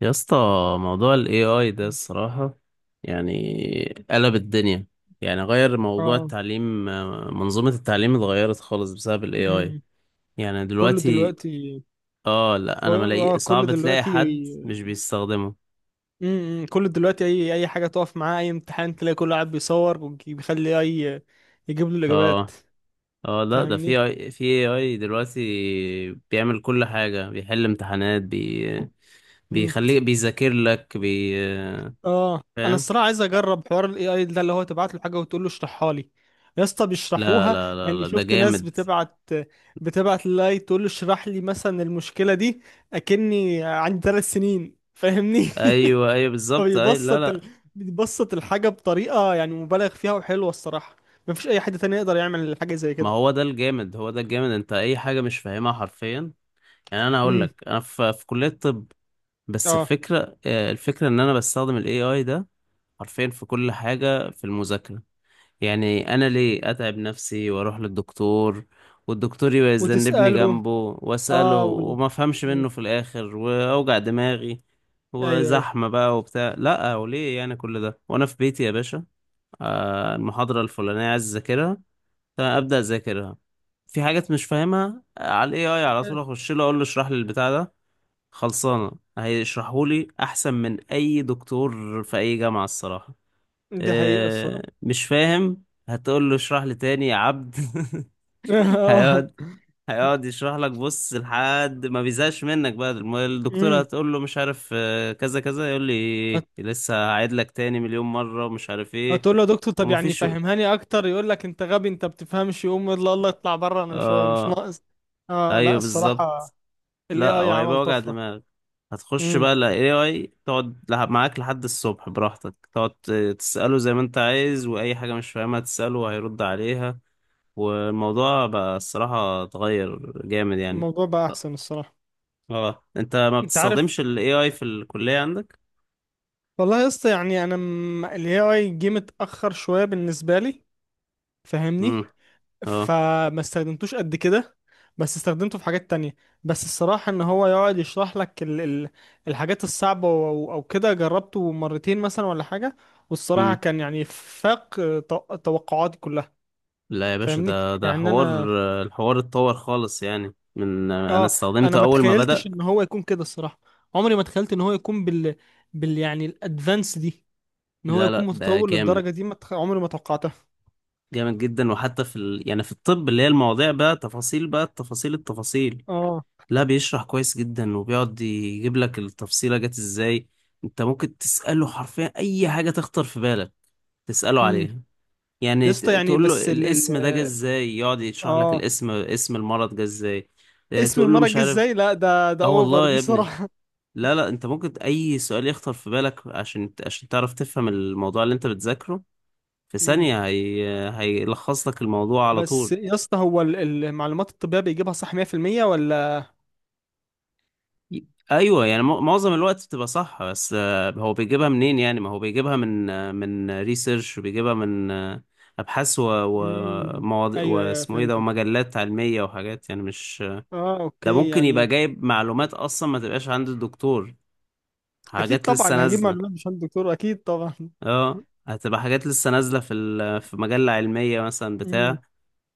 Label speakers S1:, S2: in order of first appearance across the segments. S1: يا اسطى، موضوع ال AI ده الصراحة يعني قلب الدنيا. يعني غير موضوع
S2: اه
S1: التعليم، منظومة التعليم اتغيرت خالص بسبب ال AI.
S2: امم
S1: يعني
S2: كله
S1: دلوقتي
S2: دلوقتي.
S1: اه، لا انا
S2: اه
S1: ملاقي
S2: كله
S1: صعب تلاقي
S2: دلوقتي.
S1: حد مش بيستخدمه.
S2: كله دلوقتي، اي اي حاجه تقف معاه، اي امتحان تلاقي كله قاعد بيصور وبيخلي اي يجيب له الاجابات.
S1: اه اه لا، ده في
S2: فاهمني؟
S1: AI، في AI دلوقتي بيعمل كل حاجة، بيحل امتحانات بي،
S2: امم
S1: بيخليك بيذاكر لك بي.
S2: اه انا
S1: فاهم.
S2: الصراحه عايز اجرب حوار الاي اي ده، اللي هو تبعت له حاجه وتقول له اشرحها لي. يا اسطى
S1: لا
S2: بيشرحوها.
S1: لا لا
S2: يعني
S1: لا ده
S2: شفت ناس
S1: جامد.
S2: بتبعت، للاي تقول له اشرح لي مثلا المشكله دي، اكني عندي ثلاث سنين. فاهمني؟
S1: ايوه بالظبط، ايوه لا
S2: فبيبسط
S1: لا
S2: بيبسط الحاجة بطريقة يعني مبالغ فيها وحلوة الصراحة. مفيش أي حد تاني يقدر يعمل حاجة زي
S1: ما
S2: كده.
S1: هو ده الجامد، هو ده الجامد، انت اي حاجة مش فاهمها حرفيا. يعني انا هقول
S2: امم
S1: لك، انا في كلية طب. بس
S2: اه
S1: الفكرة الفكرة ان انا بستخدم الاي اي ده حرفيا في كل حاجة في المذاكرة. يعني انا ليه اتعب نفسي واروح للدكتور والدكتور يبقى يذنبني
S2: وتسأله.
S1: جنبه، واسأله
S2: اه وال...
S1: وما افهمش
S2: مم.
S1: منه في الاخر واوجع دماغي
S2: ايوه، ايوه،
S1: وزحمة بقى وبتاع؟ لا، وليه يعني كل ده وانا في بيتي يا باشا؟ المحاضرة الفلانية عايز اذاكرها، فابدا اذاكرها، في حاجات مش فاهمها، على الاي اي على طول
S2: آه،
S1: اخش له اقول له اشرح لي البتاع ده، خلصانه. هيشرحه لي احسن من اي دكتور في اي جامعه الصراحه.
S2: دي حقيقة
S1: أه
S2: الصراحة.
S1: مش فاهم، هتقول له اشرح لي تاني يا عبد.
S2: اه
S1: هيقعد، هيقعد يشرح لك، بص لحد ما بيزهقش منك بقى. الدكتوره
S2: امم
S1: هتقول له مش عارف، كذا كذا يقول لي
S2: هت-
S1: لسه هعيد لك تاني 1000000 مره ومش عارف ايه.
S2: هتقول له: يا دكتور طب يعني
S1: ومفيش.
S2: فهمهاني اكتر. يقول لك: انت غبي، انت بتفهمش. يقوم يلا الله اطلع بره، انا مش
S1: اه
S2: ناقص. اه لا،
S1: ايوه
S2: الصراحة
S1: بالظبط.
S2: الاي
S1: لا
S2: اي
S1: هو
S2: عمل
S1: هيبقى وجع
S2: طفرة.
S1: دماغ. هتخش
S2: امم
S1: بقى ال AI تقعد معاك لحد الصبح براحتك، تقعد تسأله زي ما انت عايز، وأي حاجة مش فاهمها تسأله وهيرد عليها. والموضوع بقى الصراحة اتغير جامد يعني.
S2: الموضوع بقى
S1: طب-
S2: احسن الصراحة.
S1: اه، انت ما
S2: انت عارف،
S1: بتستخدمش ال AI في الكلية عندك؟
S2: والله يا اسطى يعني انا الاي اي جه متاخر شويه بالنسبه لي.
S1: امم.
S2: فاهمني؟
S1: اه.
S2: فما استخدمتوش قد كده، بس استخدمته في حاجات تانية. بس الصراحه ان هو يقعد يشرح لك الحاجات الصعبه، او كده جربته مرتين مثلا ولا حاجه، والصراحه
S1: امم.
S2: كان يعني فاق توقعاتي كلها.
S1: لا يا باشا،
S2: فاهمني؟
S1: ده ده
S2: يعني
S1: حوار. الحوار اتطور خالص يعني من انا
S2: اه انا
S1: استخدمته
S2: ما
S1: اول ما
S2: تخيلتش
S1: بدأ.
S2: ان هو يكون كده الصراحه. عمري ما تخيلت ان هو يكون بال يعني الادفانس دي، ان هو
S1: لا
S2: يكون
S1: لا ده
S2: متطور
S1: جامد،
S2: للدرجه دي، ما تخ... عمري ما توقعتها.
S1: جامد جدا. وحتى يعني في الطب اللي هي المواضيع بقى تفاصيل بقى، التفاصيل التفاصيل.
S2: اه
S1: لا بيشرح كويس جدا، وبيقعد يجيب لك التفصيلة جت ازاي. انت ممكن تسأله حرفيا اي حاجة تخطر في بالك، تسأله
S2: امم
S1: عليها.
S2: يا
S1: يعني
S2: اسطى يعني
S1: تقول له
S2: بس ال ال
S1: الاسم ده جه ازاي، يقعد يشرح لك
S2: اه
S1: الاسم، اسم المرض جه ازاي. اه،
S2: اسم
S1: تقول له مش
S2: مرج
S1: عارف.
S2: ازاي؟ لا، ده
S1: اه
S2: اوفر
S1: والله يا
S2: دي
S1: ابني.
S2: صراحة.
S1: لا، انت ممكن اي سؤال يخطر في بالك عشان عشان تعرف تفهم الموضوع اللي انت بتذاكره. في
S2: امم
S1: ثانية هي... هيلخص لك الموضوع على
S2: بس
S1: طول.
S2: يا اسطى، هو المعلومات الطبية بيجيبها صح 100% ولا؟
S1: ايوه، يعني معظم الوقت بتبقى صح، بس هو بيجيبها منين؟ يعني ما هو بيجيبها من من ريسيرش، وبيجيبها من ابحاث
S2: امم
S1: ومواضيع
S2: ايوه، ايوه،
S1: واسمه ايه ده،
S2: فهمتك.
S1: ومجلات علميه وحاجات يعني مش،
S2: اه،
S1: ده
S2: اوكي
S1: ممكن يبقى
S2: يعني.
S1: جايب معلومات اصلا ما تبقاش عند الدكتور،
S2: اكيد
S1: حاجات لسه
S2: طبعا هجيب
S1: نازله.
S2: معلومات مش عند الدكتور، اكيد طبعا.
S1: اه هتبقى حاجات لسه نازله في في مجله علميه مثلا
S2: امم
S1: بتاع.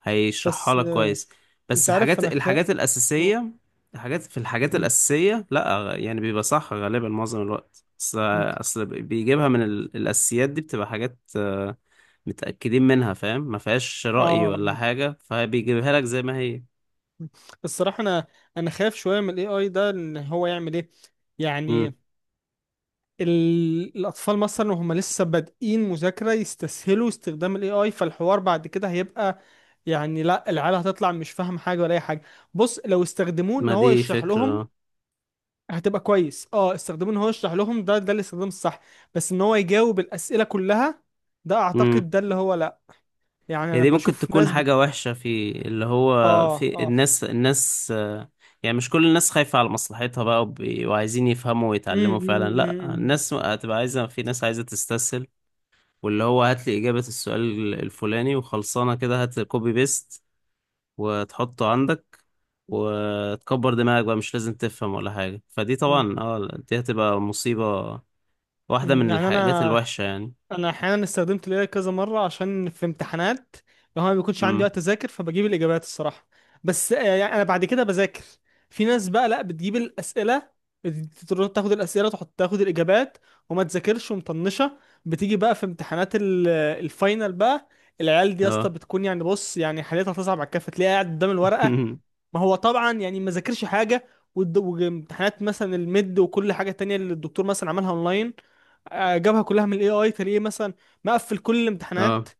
S1: هيشرحها
S2: بس
S1: لك
S2: آه،
S1: كويس. بس
S2: انت عارف،
S1: الحاجات،
S2: انا
S1: الحاجات الأساسية الحاجات في الحاجات
S2: مم.
S1: الأساسية، لا يعني بيبقى صح غالبا معظم الوقت. أصل
S2: مم.
S1: أصل بيجيبها من الأساسيات دي، بتبقى حاجات متأكدين منها، فاهم؟ ما فيهاش رأي
S2: اه
S1: ولا حاجة، فبيجيبها لك زي ما هي.
S2: الصراحة، انا خايف شوية من الاي اي ده، ان هو يعمل ايه.
S1: مم.
S2: يعني الاطفال مثلا وهم لسه بادئين مذاكره يستسهلوا استخدام الاي اي، فالحوار بعد كده هيبقى يعني لا، العيال هتطلع مش فاهم حاجه ولا اي حاجه. بص، لو استخدموه ان
S1: ما
S2: هو
S1: دي
S2: يشرح لهم
S1: فكرة.
S2: هتبقى كويس. اه، استخدموه ان هو يشرح لهم، ده الاستخدام الصح. بس ان هو يجاوب الاسئله كلها، ده
S1: مم.
S2: اعتقد ده اللي هو لا. يعني
S1: هي
S2: انا
S1: دي ممكن
S2: بشوف
S1: تكون
S2: ناس
S1: حاجة وحشة، في اللي هو
S2: اه،
S1: في
S2: اه.
S1: الناس، يعني مش كل الناس خايفة على مصلحتها بقى، وعايزين يفهموا ويتعلموا فعلا.
S2: أمم،
S1: لا،
S2: أمم،
S1: الناس هتبقى عايزة، في ناس عايزة تستسهل، واللي هو هات لي إجابة السؤال الفلاني وخلصانة كده، هات كوبي بيست وتحطه عندك وتكبر دماغك بقى، مش لازم تفهم ولا حاجة. فدي
S2: أمم،
S1: طبعا اه، دي هتبقى مصيبة، واحدة
S2: أمم.
S1: من
S2: يعني
S1: الحاجات
S2: انا
S1: الوحشة يعني.
S2: انا احيانا استخدمت الاي كذا مره عشان في امتحانات، لو انا ما بيكونش عندي
S1: امم.
S2: وقت اذاكر فبجيب الاجابات الصراحه. بس يعني انا بعد كده بذاكر. في ناس بقى لا بتجيب الاسئله، تروح تاخد الاسئله، تحط تاخد الاجابات وما تذاكرش ومطنشه. بتيجي بقى في امتحانات الفاينل بقى، العيال دي يا اسطى
S1: اه.
S2: بتكون يعني، بص يعني حالتها تصعب على الكافه، تلاقيها قاعد قدام الورقه. ما هو طبعا يعني ما ذاكرش حاجه، وامتحانات مثلا الميد وكل حاجه تانية اللي الدكتور مثلا عملها اونلاين، جابها كلها من الاي اي، تلاقيه مثلا مقفل كل الامتحانات
S1: اه.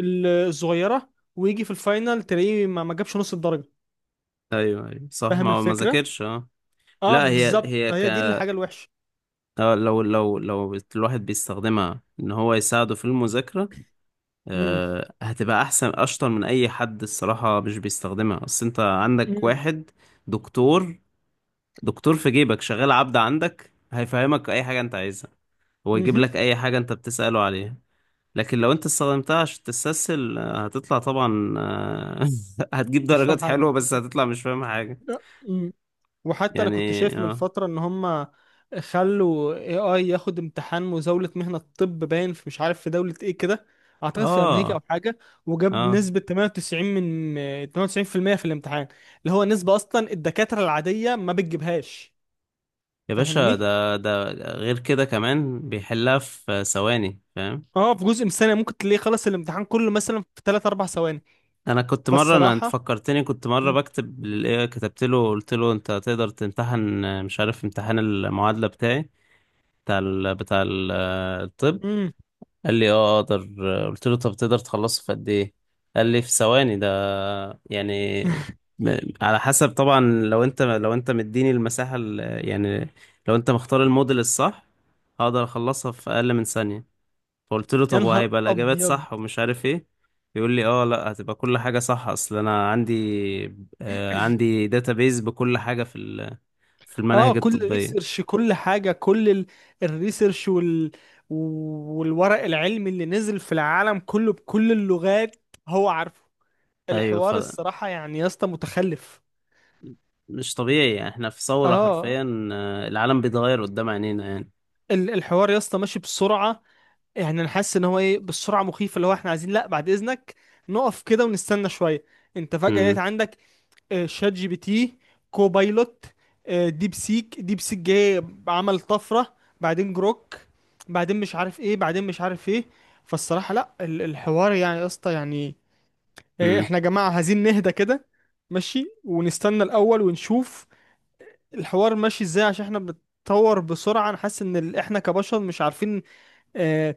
S2: الصغيره، ويجي في الفاينل تلاقيه ما جابش نص الدرجه.
S1: ايوه صح، ما
S2: فاهم
S1: هو ما
S2: الفكره؟
S1: ذاكرش. اه
S2: اه
S1: لا، هي
S2: بالظبط،
S1: هي ك
S2: هي دي الحاجه الوحشه.
S1: لو الواحد بيستخدمها ان هو يساعده في المذاكرة،
S2: امم
S1: هتبقى احسن، اشطر من اي حد الصراحة مش بيستخدمها. اصل انت عندك
S2: امم
S1: واحد دكتور، دكتور في جيبك شغال عبد عندك، هيفهمك اي حاجة انت عايزها، هو يجيب
S2: مهم.
S1: لك اي حاجة انت بتسأله عليها. لكن لو انت استخدمتها عشان تستسهل، هتطلع طبعا هتجيب
S2: مش فاهم
S1: درجات
S2: حاجه.
S1: حلوة بس هتطلع مش فاهم حاجة.
S2: وحتى انا كنت
S1: يعني
S2: شايف من
S1: اه.
S2: فترة ان هم خلوا اي اي ياخد امتحان مزاولة مهنة الطب، باين في مش عارف في دولة ايه كده، اعتقد في امريكا
S1: اه.
S2: او حاجة، وجاب
S1: اه
S2: نسبة 98 من 98% في المية في الامتحان، اللي هو نسبة اصلا الدكاترة العادية ما بتجيبهاش.
S1: يا باشا،
S2: فاهمني؟
S1: ده ده غير كده، كمان بيحلها في ثواني، فاهم؟
S2: اه، في جزء من الثانية ممكن تلاقيه خلص الامتحان كله مثلا في 3 4 ثواني.
S1: انا كنت مره، انا انت
S2: فالصراحة.
S1: فكرتني، كنت مره بكتب للايه، كتبت له قلت له انت تقدر تمتحن مش عارف امتحان المعادله بتاعي، بتاع ال... بتاع ال... الطب؟
S2: امم
S1: قال لي اه اقدر. قلت له طب تقدر تخلصه في قد ايه؟ قال لي في ثواني ده، يعني على حسب طبعا، لو انت مديني المساحه، يعني لو انت مختار الموديل الصح هقدر اخلصها في اقل من ثانيه. فقلت له
S2: يا
S1: طب
S2: نهار
S1: وهيبقى الإجابات
S2: ابيض.
S1: صح ومش عارف إيه؟ يقول لي اه لا هتبقى كل حاجة صح، أصل أنا عندي آه عندي داتابيز بكل حاجة في في
S2: اه،
S1: المناهج
S2: كل
S1: الطبية.
S2: ريسيرش، كل حاجة، كل الريسيرش والورق العلمي اللي نزل في العالم كله بكل اللغات هو عارفه.
S1: أيوه،
S2: الحوار الصراحة يعني يا اسطى متخلف.
S1: طبيعي يعني، إحنا في ثورة
S2: اه،
S1: حرفيا، العالم بيتغير قدام عينينا يعني.
S2: الحوار يا اسطى ماشي بسرعة. يعني انا حاسس ان هو ايه بالسرعة مخيفة، اللي هو احنا عايزين لا بعد اذنك نقف كده ونستنى شوية. انت فجأة لقيت
S1: امم.
S2: عندك شات جي بي تي، كوبايلوت، ديب سيك جه عمل طفرة، بعدين جروك، بعدين مش عارف ايه، بعدين مش عارف ايه. فالصراحة لا، الحوار يعني يا اسطى يعني،
S1: امم.
S2: احنا يا جماعة عايزين نهدى كده، ماشي، ونستنى الأول ونشوف الحوار ماشي ازاي، عشان احنا بنتطور بسرعة. انا حاسس ان احنا كبشر مش عارفين آه،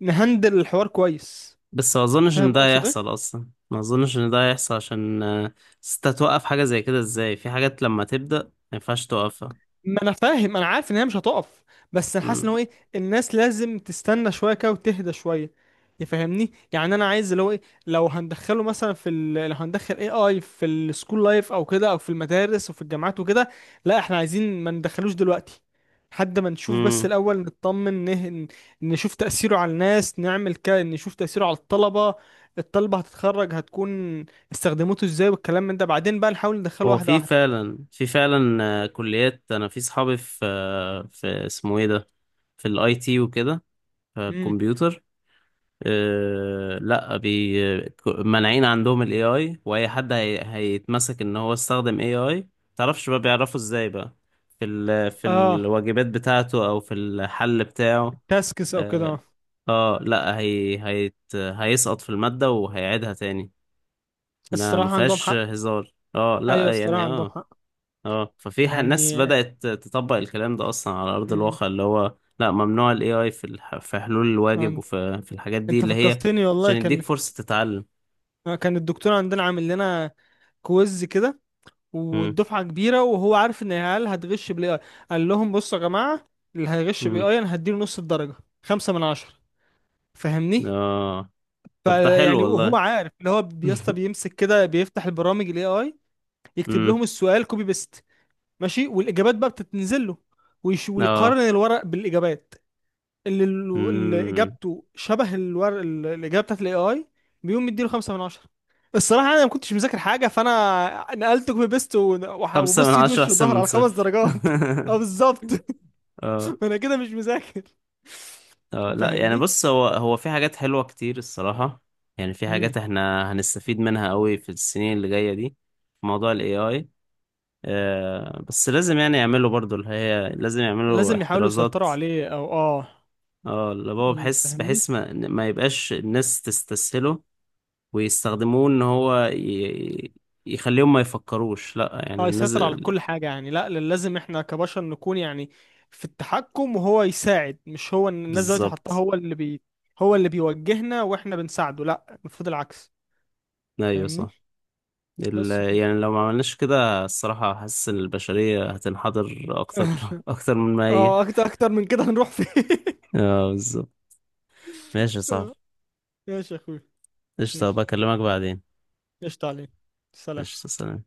S2: نهندل الحوار كويس.
S1: بس ما أظنش إن
S2: فاهم
S1: ده
S2: اقصد ايه؟
S1: هيحصل أصلا، ما أظنش إن ده هيحصل عشان أصل أنت توقف حاجة زي كده إزاي؟ في حاجات لما تبدأ ما ينفعش توقفها.
S2: ما انا فاهم، انا عارف ان هي مش هتقف، بس انا حاسس ان هو ايه، الناس لازم تستنى شويه كده وتهدى شويه. يفهمني يعني، انا عايز اللي هو ايه، لو هندخله مثلا لو هندخل اي اي في السكول لايف او كده، او في المدارس وفي الجامعات وكده، لا احنا عايزين ما ندخلوش دلوقتي، لحد ما نشوف بس
S1: امم.
S2: الاول، نطمن نشوف تاثيره على الناس، نعمل كده نشوف تاثيره على الطلبه. الطلبه هتتخرج هتكون استخدمته ازاي، والكلام من ده بعدين بقى نحاول ندخله
S1: هو
S2: واحده
S1: في
S2: واحده.
S1: فعلا في فعلا كليات انا في صحابي في في اسمه ايه ده، في الاي تي وكده، في
S2: امم
S1: الكمبيوتر، لا مانعين عندهم الاي اي، واي حد هي هيتمسك ان هو استخدم اي اي، متعرفش بقى بيعرفوا ازاي بقى، في
S2: اه
S1: الواجبات بتاعته او في الحل بتاعه.
S2: تاسكس او
S1: اه
S2: كده.
S1: لا هي هيسقط في المادة وهيعيدها تاني، ما ما
S2: الصراحه عندهم
S1: فيهاش
S2: حق،
S1: هزار اه،
S2: ايوه
S1: لا
S2: الصراحه
S1: يعني
S2: عندهم
S1: اه.
S2: حق،
S1: اه ففي ح- ناس
S2: يعني.
S1: بدأت تطبق الكلام ده اصلا على ارض
S2: مم.
S1: الواقع، اللي هو لا ممنوع الاي اي في في حلول الواجب
S2: عن-
S1: وفي في الحاجات دي
S2: انت
S1: اللي هي
S2: فكرتني والله،
S1: عشان
S2: كان
S1: يديك فرصة تتعلم.
S2: كان الدكتور عندنا عامل لنا كويز كده،
S1: امم.
S2: والدفعه كبيره وهو عارف ان العيال هتغش بالاي اي. قال لهم: بصوا يا جماعه، اللي هيغش بالاي
S1: امم.
S2: اي انا هديله نص الدرجه، خمسة من عشرة. فاهمني؟
S1: اه. طب ده حلو
S2: فيعني وهو
S1: والله.
S2: عارف اللي هو بيسطا، بيمسك كده بيفتح البرامج الاي اي، يكتب
S1: امم.
S2: لهم السؤال كوبي بيست ماشي، والاجابات بقى بتتنزل له، ويقارن
S1: اه.
S2: الورق بالاجابات. اللي, اللي
S1: امم.
S2: اجابته شبه الاجابه بتاعت الاي اي بيقوم مديله خمسة من عشرة. الصراحه انا ما كنتش مذاكر حاجه، فانا نقلت كوبي بيست
S1: خمسة من
S2: وبص ايد
S1: عشرة
S2: وش
S1: احسن
S2: وظهر
S1: من
S2: على خمس
S1: صفر.
S2: درجات. اه بالظبط.
S1: اه.
S2: انا كده مش مذاكر.
S1: اه لا يعني
S2: فاهمني؟
S1: بص، هو هو في حاجات حلوة كتير الصراحة، يعني في
S2: امم
S1: حاجات احنا هنستفيد منها قوي في السنين اللي جاية دي في موضوع ال AI. بس لازم يعني يعملوا برضو اللي هي لازم يعملوا
S2: لازم يحاولوا
S1: احترازات،
S2: يسيطروا عليه، او اه.
S1: اه اللي هو، بحس
S2: فاهمني؟
S1: بحس ما يبقاش الناس تستسهله، ويستخدموه ان يخليهم ما يفكروش. لا يعني
S2: اه،
S1: الناس،
S2: يسيطر على كل حاجة يعني، لا لازم احنا كبشر نكون يعني في التحكم وهو يساعد، مش هو. إن الناس دلوقتي حطاه
S1: بالظبط.
S2: هو اللي بي هو اللي بيوجهنا واحنا بنساعده، لا المفروض العكس.
S1: ايوه
S2: فاهمني؟
S1: صح.
S2: بس كده.
S1: يعني لو ما عملناش كده الصراحة حاسس ان البشرية هتنحدر اكتر، اكتر من ما هي.
S2: اه، اكتر اكتر من كده هنروح فين؟
S1: اه بالظبط. ماشي يا صاحبي.
S2: ماشي يا اخوي.
S1: قشطة،
S2: ماشي.
S1: بكلمك بعدين.
S2: قشطة عليك. سلام.
S1: قشطة، سلام.